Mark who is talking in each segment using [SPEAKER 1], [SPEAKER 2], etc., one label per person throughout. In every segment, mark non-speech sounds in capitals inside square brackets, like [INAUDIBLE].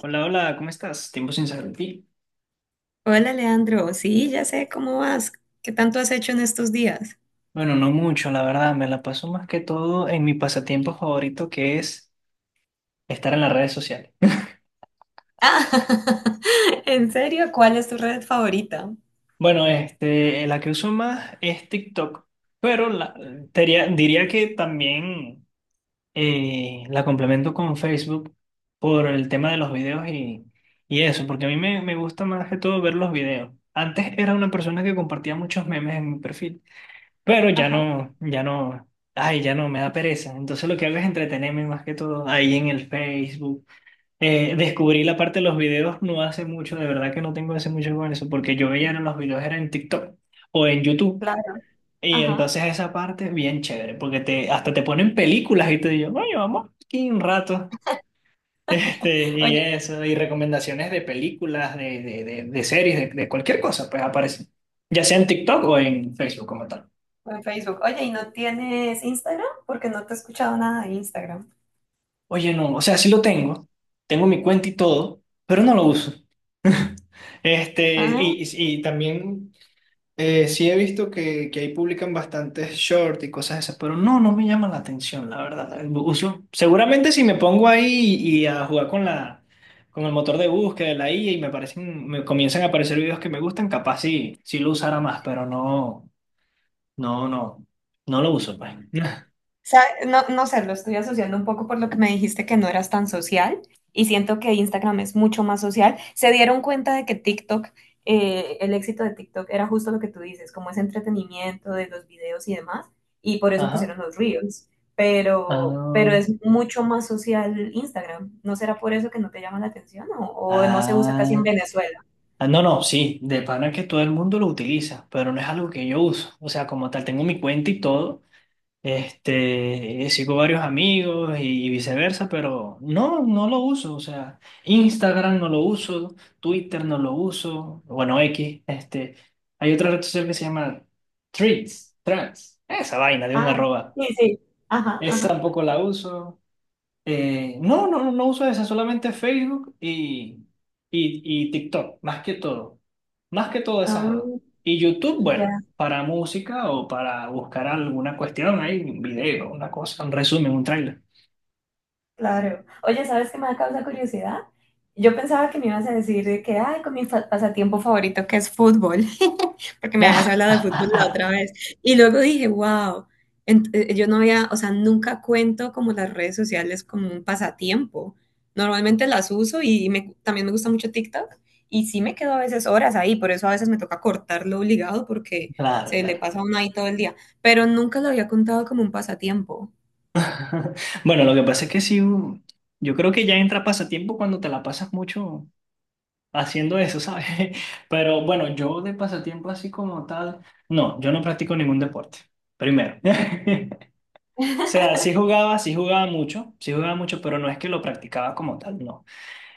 [SPEAKER 1] Hola, hola, ¿cómo estás? Tiempo sin saber de ti.
[SPEAKER 2] Hola Leandro, sí, ya sé cómo vas. ¿Qué tanto has hecho en estos días?
[SPEAKER 1] Bueno, no mucho, la verdad, me la paso más que todo en mi pasatiempo favorito que es estar en las redes sociales. [LAUGHS]
[SPEAKER 2] Ah, [LAUGHS] ¿en serio? ¿Cuál es tu red favorita?
[SPEAKER 1] Bueno, la que uso más es TikTok, pero diría que también la complemento con Facebook por el tema de los videos y eso, porque a mí me gusta más que todo ver los videos. Antes era una persona que compartía muchos memes en mi perfil. Pero ya
[SPEAKER 2] Ajá,
[SPEAKER 1] no, ya no, ay, ya no, me da pereza. Entonces lo que hago es entretenerme más que todo ahí en el Facebook. Descubrí la parte de los videos no hace mucho, de verdad que no tengo hace mucho con eso, porque yo veía los videos era en TikTok o en YouTube.
[SPEAKER 2] claro,
[SPEAKER 1] Y
[SPEAKER 2] ajá.
[SPEAKER 1] entonces esa parte es bien chévere, porque hasta te ponen películas y te digo, bueno, vamos aquí un rato. [LAUGHS] Y
[SPEAKER 2] Oye,
[SPEAKER 1] eso, y recomendaciones de películas, de series, de cualquier cosa, pues aparecen, ya sea en TikTok o en Facebook como tal.
[SPEAKER 2] en Facebook. Oye, ¿y no tienes Instagram? Porque no te he escuchado nada de Instagram.
[SPEAKER 1] Oye, no, o sea, sí lo tengo, tengo mi cuenta y todo, pero no lo uso. Este,
[SPEAKER 2] Ah,
[SPEAKER 1] y, y, y también sí he visto que ahí publican bastantes shorts y cosas esas, pero no me llama la atención, la verdad. Uso, seguramente si me pongo ahí y a jugar con con el motor de búsqueda de la IA y me comienzan a aparecer videos que me gustan, capaz sí lo usara más, pero no, no, no, no lo uso, pues.
[SPEAKER 2] sea, no, no sé, lo estoy asociando un poco por lo que me dijiste que no eras tan social y siento que Instagram es mucho más social. Se dieron cuenta de que TikTok, el éxito de TikTok era justo lo que tú dices, como ese entretenimiento de los videos y demás, y por
[SPEAKER 1] [LAUGHS]
[SPEAKER 2] eso
[SPEAKER 1] Ajá.
[SPEAKER 2] pusieron los Reels, pero
[SPEAKER 1] Ah,
[SPEAKER 2] es mucho más social Instagram. ¿No será por eso que no te llama la atención, o no se usa casi en
[SPEAKER 1] ah.
[SPEAKER 2] Venezuela?
[SPEAKER 1] Ah, no, no, sí, de pana que todo el mundo lo utiliza, pero no es algo que yo uso. O sea, como tal, tengo mi cuenta y todo. Sigo varios amigos y viceversa, pero no lo uso. O sea, Instagram no lo uso, Twitter no lo uso, bueno, X. Hay otra red social que se llama Threads, Trans, esa vaina de un
[SPEAKER 2] Ah,
[SPEAKER 1] arroba.
[SPEAKER 2] sí, sí. Ajá,
[SPEAKER 1] Esa
[SPEAKER 2] ajá.
[SPEAKER 1] tampoco la uso. No, no, no uso esa, solamente Facebook y TikTok, más que todo. Más que todo esas
[SPEAKER 2] Ah,
[SPEAKER 1] dos. Y YouTube,
[SPEAKER 2] ya.
[SPEAKER 1] bueno, para música o para buscar alguna cuestión, hay un video, una cosa, un resumen, un tráiler.
[SPEAKER 2] Claro. Oye, ¿sabes qué me da causa curiosidad? Yo pensaba que me ibas a decir de que, ay, con mi pasatiempo favorito que es fútbol, [LAUGHS] porque me habías hablado de fútbol la otra
[SPEAKER 1] [LAUGHS]
[SPEAKER 2] vez. Y luego dije, wow, yo no había, o sea, nunca cuento como las redes sociales como un pasatiempo. Normalmente las uso y también me gusta mucho TikTok y sí me quedo a veces horas ahí, por eso a veces me toca cortarlo obligado porque
[SPEAKER 1] Claro,
[SPEAKER 2] se le
[SPEAKER 1] claro.
[SPEAKER 2] pasa a uno ahí todo el día, pero nunca lo había contado como un pasatiempo.
[SPEAKER 1] [LAUGHS] Bueno, lo que pasa es que sí, yo creo que ya entra pasatiempo cuando te la pasas mucho haciendo eso, ¿sabes? [LAUGHS] Pero bueno, yo de pasatiempo así como tal, no, yo no practico ningún deporte, primero. [LAUGHS] O sea,
[SPEAKER 2] [LAUGHS]
[SPEAKER 1] sí jugaba mucho, pero no es que lo practicaba como tal, no.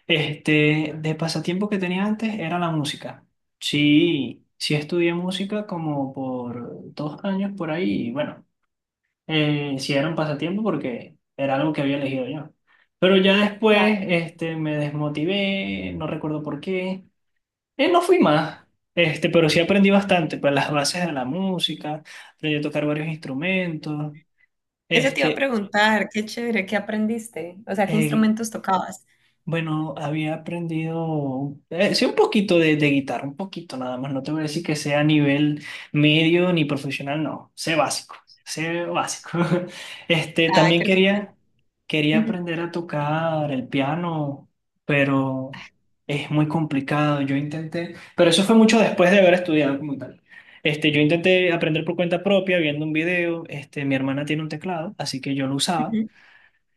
[SPEAKER 1] De pasatiempo que tenía antes era la música. Sí, sí estudié música como por 2 años por ahí, y bueno, sí era un pasatiempo porque era algo que había elegido yo. Pero ya después, me desmotivé, no recuerdo por qué. No fui más, pero sí aprendí bastante, pues las bases de la música, aprendí a tocar varios instrumentos,
[SPEAKER 2] Eso te iba a
[SPEAKER 1] este...
[SPEAKER 2] preguntar, qué chévere, ¿qué aprendiste? O sea, ¿qué
[SPEAKER 1] Eh,
[SPEAKER 2] instrumentos tocabas?
[SPEAKER 1] Bueno, había aprendido, sí, un poquito de guitarra, un poquito nada más. No te voy a decir que sea a nivel medio ni profesional, no. Sé básico, sé básico. [LAUGHS] Este,
[SPEAKER 2] Ah,
[SPEAKER 1] también quería
[SPEAKER 2] ujú,
[SPEAKER 1] aprender a tocar el piano, pero es muy complicado. Yo intenté, pero eso fue mucho después de haber estudiado como tal. Yo intenté aprender por cuenta propia, viendo un video. Mi hermana tiene un teclado, así que yo lo usaba.
[SPEAKER 2] ujú,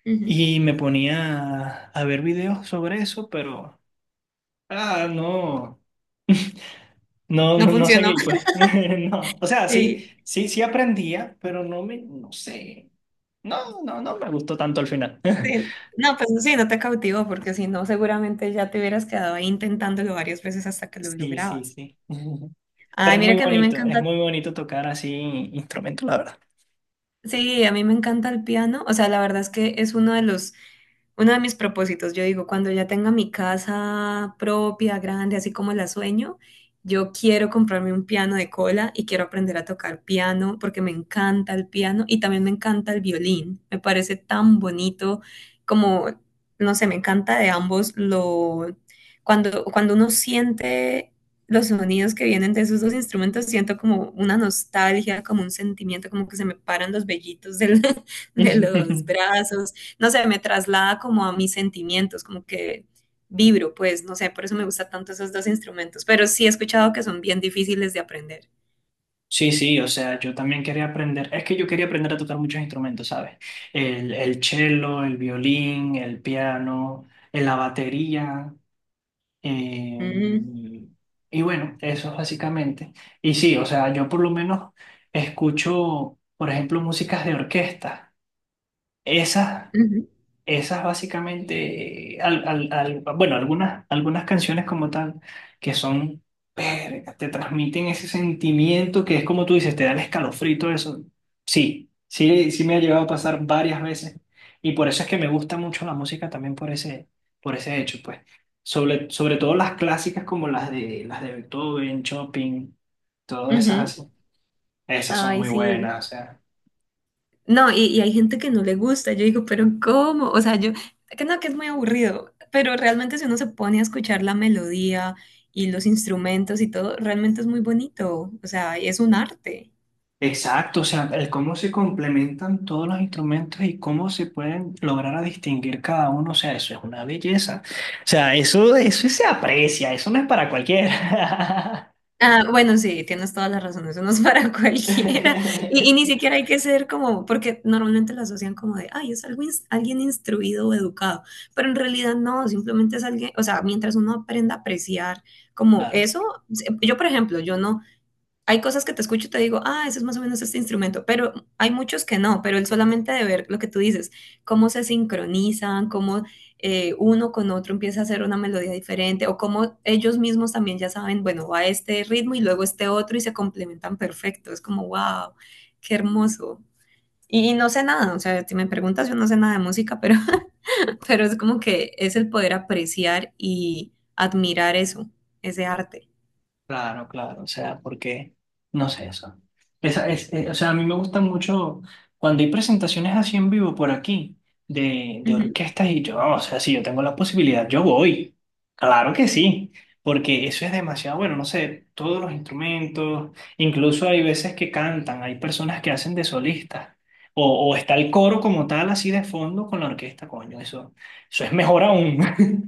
[SPEAKER 2] ujú.
[SPEAKER 1] Y me ponía a ver videos sobre eso, pero no, no,
[SPEAKER 2] No
[SPEAKER 1] no, no
[SPEAKER 2] funcionó.
[SPEAKER 1] seguí, pues.
[SPEAKER 2] [LAUGHS]
[SPEAKER 1] [LAUGHS] No. O sea, sí,
[SPEAKER 2] Sí,
[SPEAKER 1] sí, sí aprendía, pero no sé. No, no, no me gustó tanto al final.
[SPEAKER 2] sí.
[SPEAKER 1] [LAUGHS]
[SPEAKER 2] No, pues sí, no te cautivó, porque si no, seguramente ya te hubieras quedado ahí intentándolo varias veces hasta que lo
[SPEAKER 1] Sí, sí,
[SPEAKER 2] lograbas.
[SPEAKER 1] sí. [LAUGHS] Pero
[SPEAKER 2] Ay, mira que a mí me
[SPEAKER 1] es
[SPEAKER 2] encanta.
[SPEAKER 1] muy bonito tocar así instrumentos, la verdad.
[SPEAKER 2] Sí, a mí me encanta el piano. O sea, la verdad es que es uno de mis propósitos. Yo digo, cuando ya tenga mi casa propia, grande, así como la sueño, yo quiero comprarme un piano de cola y quiero aprender a tocar piano porque me encanta el piano y también me encanta el violín. Me parece tan bonito como, no sé, me encanta de ambos lo, cuando uno siente los sonidos que vienen de esos dos instrumentos, siento como una nostalgia, como un sentimiento, como que se me paran los vellitos [LAUGHS] de los
[SPEAKER 1] [LAUGHS]
[SPEAKER 2] brazos, no sé, me traslada como a mis sentimientos, como que vibro, pues, no sé, por eso me gustan tanto esos dos instrumentos, pero sí he escuchado que son bien difíciles de aprender.
[SPEAKER 1] Sí, sí, o sea, yo también quería aprender, es que yo quería aprender a tocar muchos instrumentos, ¿sabes? El cello, el violín, el piano, la batería. Eh,
[SPEAKER 2] Mm,
[SPEAKER 1] y bueno, eso es básicamente. Y sí, o sea, yo por lo menos escucho, por ejemplo, músicas de orquesta. Esas
[SPEAKER 2] ujú,
[SPEAKER 1] Esas básicamente, bueno, algunas canciones como tal, que son, verga, te transmiten ese sentimiento que es como tú dices, te da el escalofrito eso. Sí, sí, sí me ha llegado a pasar varias veces. Y por eso es que me gusta mucho la música también por ese hecho, pues. Sobre todo las clásicas como las de Beethoven, Chopin, todas esas
[SPEAKER 2] ujú.
[SPEAKER 1] así. Esas son
[SPEAKER 2] Ay,
[SPEAKER 1] muy
[SPEAKER 2] sí.
[SPEAKER 1] buenas, o sea.
[SPEAKER 2] No, y hay gente que no le gusta. Yo digo, pero ¿cómo? O sea, yo, que no, que es muy aburrido, pero realmente si uno se pone a escuchar la melodía y los instrumentos y todo, realmente es muy bonito. O sea, es un arte.
[SPEAKER 1] Exacto, o sea, el cómo se complementan todos los instrumentos y cómo se pueden lograr a distinguir cada uno, o sea, eso es una belleza. O sea, eso se aprecia, eso no es para cualquiera.
[SPEAKER 2] Ah, bueno, sí, tienes todas las razones, eso no es para [LAUGHS] cualquiera. Y ni
[SPEAKER 1] [LAUGHS]
[SPEAKER 2] siquiera hay que ser como, porque normalmente lo asocian como de, ay, es algo alguien instruido o educado, pero en realidad no, simplemente es alguien, o sea, mientras uno aprenda a apreciar como
[SPEAKER 1] Claro.
[SPEAKER 2] eso, yo por ejemplo, yo no, hay cosas que te escucho y te digo, ah, ese es más o menos este instrumento, pero hay muchos que no, pero el solamente de ver lo que tú dices, cómo se sincronizan, cómo uno con otro empieza a hacer una melodía diferente, o cómo ellos mismos también ya saben, bueno, va este ritmo y luego este otro y se complementan perfecto, es como, wow, qué hermoso. Y y no sé nada, o sea, si me preguntas, yo no sé nada de música, pero [LAUGHS] pero es como que es el poder apreciar y admirar eso, ese arte.
[SPEAKER 1] Claro, claro, o sea, porque, no sé eso. O sea, a mí me gusta mucho cuando hay presentaciones así en vivo por aquí de orquestas y yo, o sea, si yo tengo la posibilidad, yo voy. Claro que sí, porque eso es demasiado bueno, no sé, todos los instrumentos, incluso hay veces que cantan, hay personas que hacen de solistas, o está el coro como tal así de fondo con la orquesta, coño, eso es mejor aún. [LAUGHS]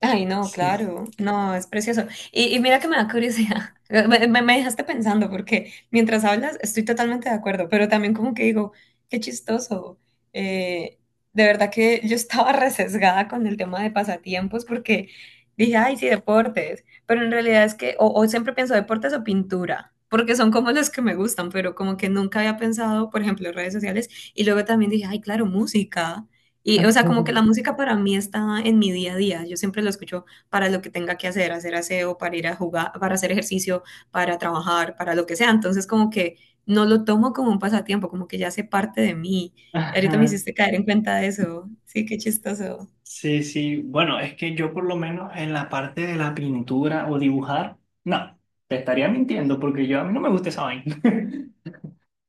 [SPEAKER 2] Ay, no,
[SPEAKER 1] Sí.
[SPEAKER 2] claro, no, es precioso. Y mira que me da curiosidad, [LAUGHS] me, me dejaste pensando porque mientras hablas estoy totalmente de acuerdo, pero también como que digo, qué chistoso. Eh, de verdad que yo estaba [LAUGHS] resesgada con el tema de pasatiempos porque dije, ay, sí, deportes, pero en realidad es que, o siempre pienso deportes o pintura, porque son como los que me gustan, pero como que nunca había pensado, por ejemplo, redes sociales, y luego también dije, ay, claro, música. Y, o sea, como que la
[SPEAKER 1] [LAUGHS]
[SPEAKER 2] música para mí está en mi día a día. Yo siempre lo escucho para lo que tenga que hacer, hacer aseo, para ir a jugar, para hacer ejercicio, para trabajar, para lo que sea. Entonces, como que no lo tomo como un pasatiempo, como que ya hace parte de mí. Y ahorita me
[SPEAKER 1] Ajá.
[SPEAKER 2] hiciste caer en cuenta de eso. Sí, qué chistoso.
[SPEAKER 1] Sí, sí. Bueno, es que yo por lo menos en la parte de la pintura o dibujar, no, te estaría mintiendo porque yo a mí no me gusta esa vaina. [LAUGHS]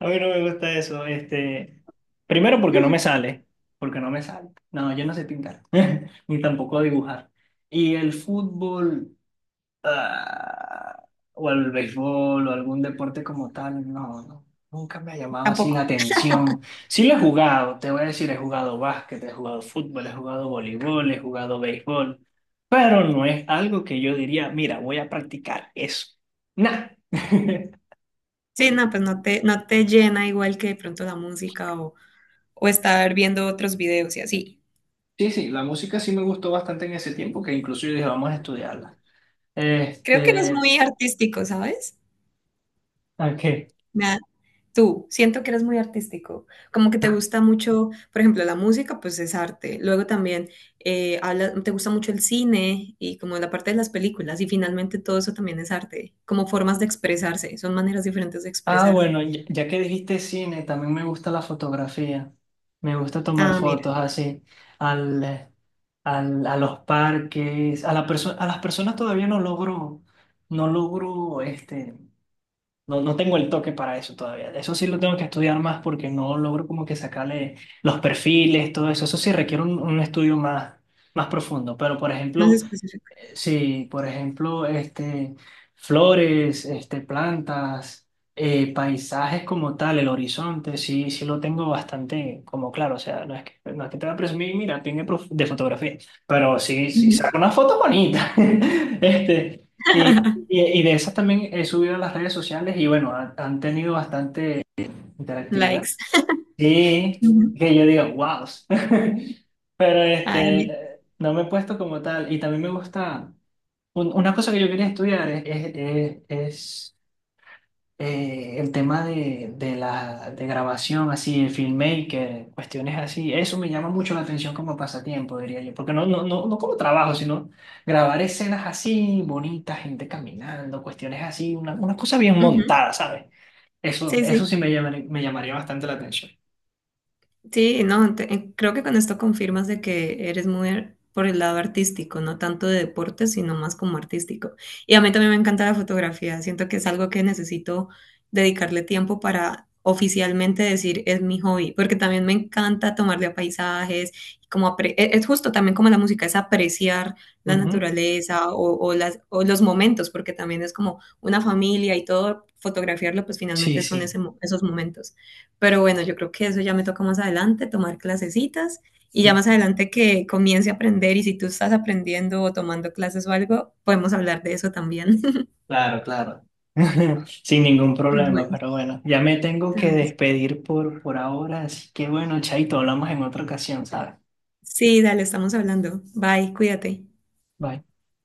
[SPEAKER 1] A mí no me gusta eso. Primero porque no me
[SPEAKER 2] [LAUGHS]
[SPEAKER 1] sale, porque no me sale. No, yo no sé pintar, [LAUGHS] ni tampoco dibujar. Y el fútbol ah, o al béisbol o algún deporte como tal, no, no, nunca me ha llamado así la
[SPEAKER 2] Tampoco.
[SPEAKER 1] atención. Sí lo he jugado, te voy a decir, he jugado básquet, he jugado fútbol, he jugado voleibol, he jugado béisbol, pero no es algo que yo diría, mira, voy a practicar eso. Nah. [LAUGHS]
[SPEAKER 2] Sí, no, pues no te, no te llena igual que de pronto la música o estar viendo otros videos y así.
[SPEAKER 1] Sí, sí, la música sí me gustó bastante en ese tiempo, que incluso yo dije, vamos a estudiarla.
[SPEAKER 2] Creo que no es
[SPEAKER 1] Este,
[SPEAKER 2] muy artístico, ¿sabes?
[SPEAKER 1] ok.
[SPEAKER 2] Me. Tú, siento que eres muy artístico, como que te gusta mucho, por ejemplo, la música, pues es arte. Luego también te gusta mucho el cine y como la parte de las películas y finalmente todo eso también es arte, como formas de expresarse, son maneras diferentes de
[SPEAKER 1] Ah,
[SPEAKER 2] expresarse.
[SPEAKER 1] bueno, ya que dijiste cine, también me gusta la fotografía. Me gusta tomar
[SPEAKER 2] Ah, mira,
[SPEAKER 1] fotos así al, eh, a los parques, a las personas todavía no logro, no logro, este, no tengo el toque para eso todavía. Eso sí lo tengo que estudiar más porque no logro como que sacarle los perfiles, todo eso. Eso sí requiere un estudio más profundo.
[SPEAKER 2] más específico.
[SPEAKER 1] Sí, por ejemplo, flores, plantas, paisajes como tal, el horizonte, sí, sí lo tengo bastante como claro. O sea, no es que te voy a presumir, mira, tiene de fotografía, pero sí, sí,
[SPEAKER 2] Ujú.
[SPEAKER 1] saco una foto bonita. [LAUGHS] Este, y, y,
[SPEAKER 2] [LAUGHS]
[SPEAKER 1] y de esas también he subido a las redes sociales y bueno, han tenido bastante interactividad.
[SPEAKER 2] Likes.
[SPEAKER 1] Sí,
[SPEAKER 2] Ujú.
[SPEAKER 1] que yo digo, wow. [LAUGHS] Pero
[SPEAKER 2] Ay, a mí,
[SPEAKER 1] no me he puesto como tal. Y también me gusta. Una cosa que yo quería estudiar es, el tema de la de grabación, así, el filmmaker, cuestiones así. Eso me llama mucho la atención como pasatiempo, diría yo. Porque no, no, no, no como trabajo, sino grabar escenas así, bonitas, gente caminando, cuestiones así, una cosa bien
[SPEAKER 2] ujú.
[SPEAKER 1] montada, ¿sabes? Eso,
[SPEAKER 2] Sí,
[SPEAKER 1] eso sí
[SPEAKER 2] sí.
[SPEAKER 1] me llamaría bastante la atención.
[SPEAKER 2] Sí, no, creo que con esto confirmas de que eres muy por el lado artístico, no tanto de deporte, sino más como artístico. Y a mí también me encanta la fotografía, siento que es algo que necesito dedicarle tiempo para oficialmente decir es mi hobby, porque también me encanta tomarle a paisajes, y como es justo también como la música, es apreciar la
[SPEAKER 1] Ujú.
[SPEAKER 2] naturaleza o las, o los momentos, porque también es como una familia y todo, fotografiarlo pues
[SPEAKER 1] Sí,
[SPEAKER 2] finalmente son
[SPEAKER 1] sí.
[SPEAKER 2] ese, esos momentos. Pero bueno, yo creo que eso ya me toca más adelante, tomar clasecitas y ya más adelante que comience a aprender y si tú estás aprendiendo o tomando clases o algo, podemos hablar de eso también. [LAUGHS]
[SPEAKER 1] Claro, claro. [LAUGHS] Sin ningún problema,
[SPEAKER 2] Bueno,
[SPEAKER 1] pero bueno, ya me tengo que despedir por ahora, así que bueno, Chaito, hablamos en otra ocasión, ¿sabes?
[SPEAKER 2] sí, dale, estamos hablando. Bye, cuídate.
[SPEAKER 1] Bye.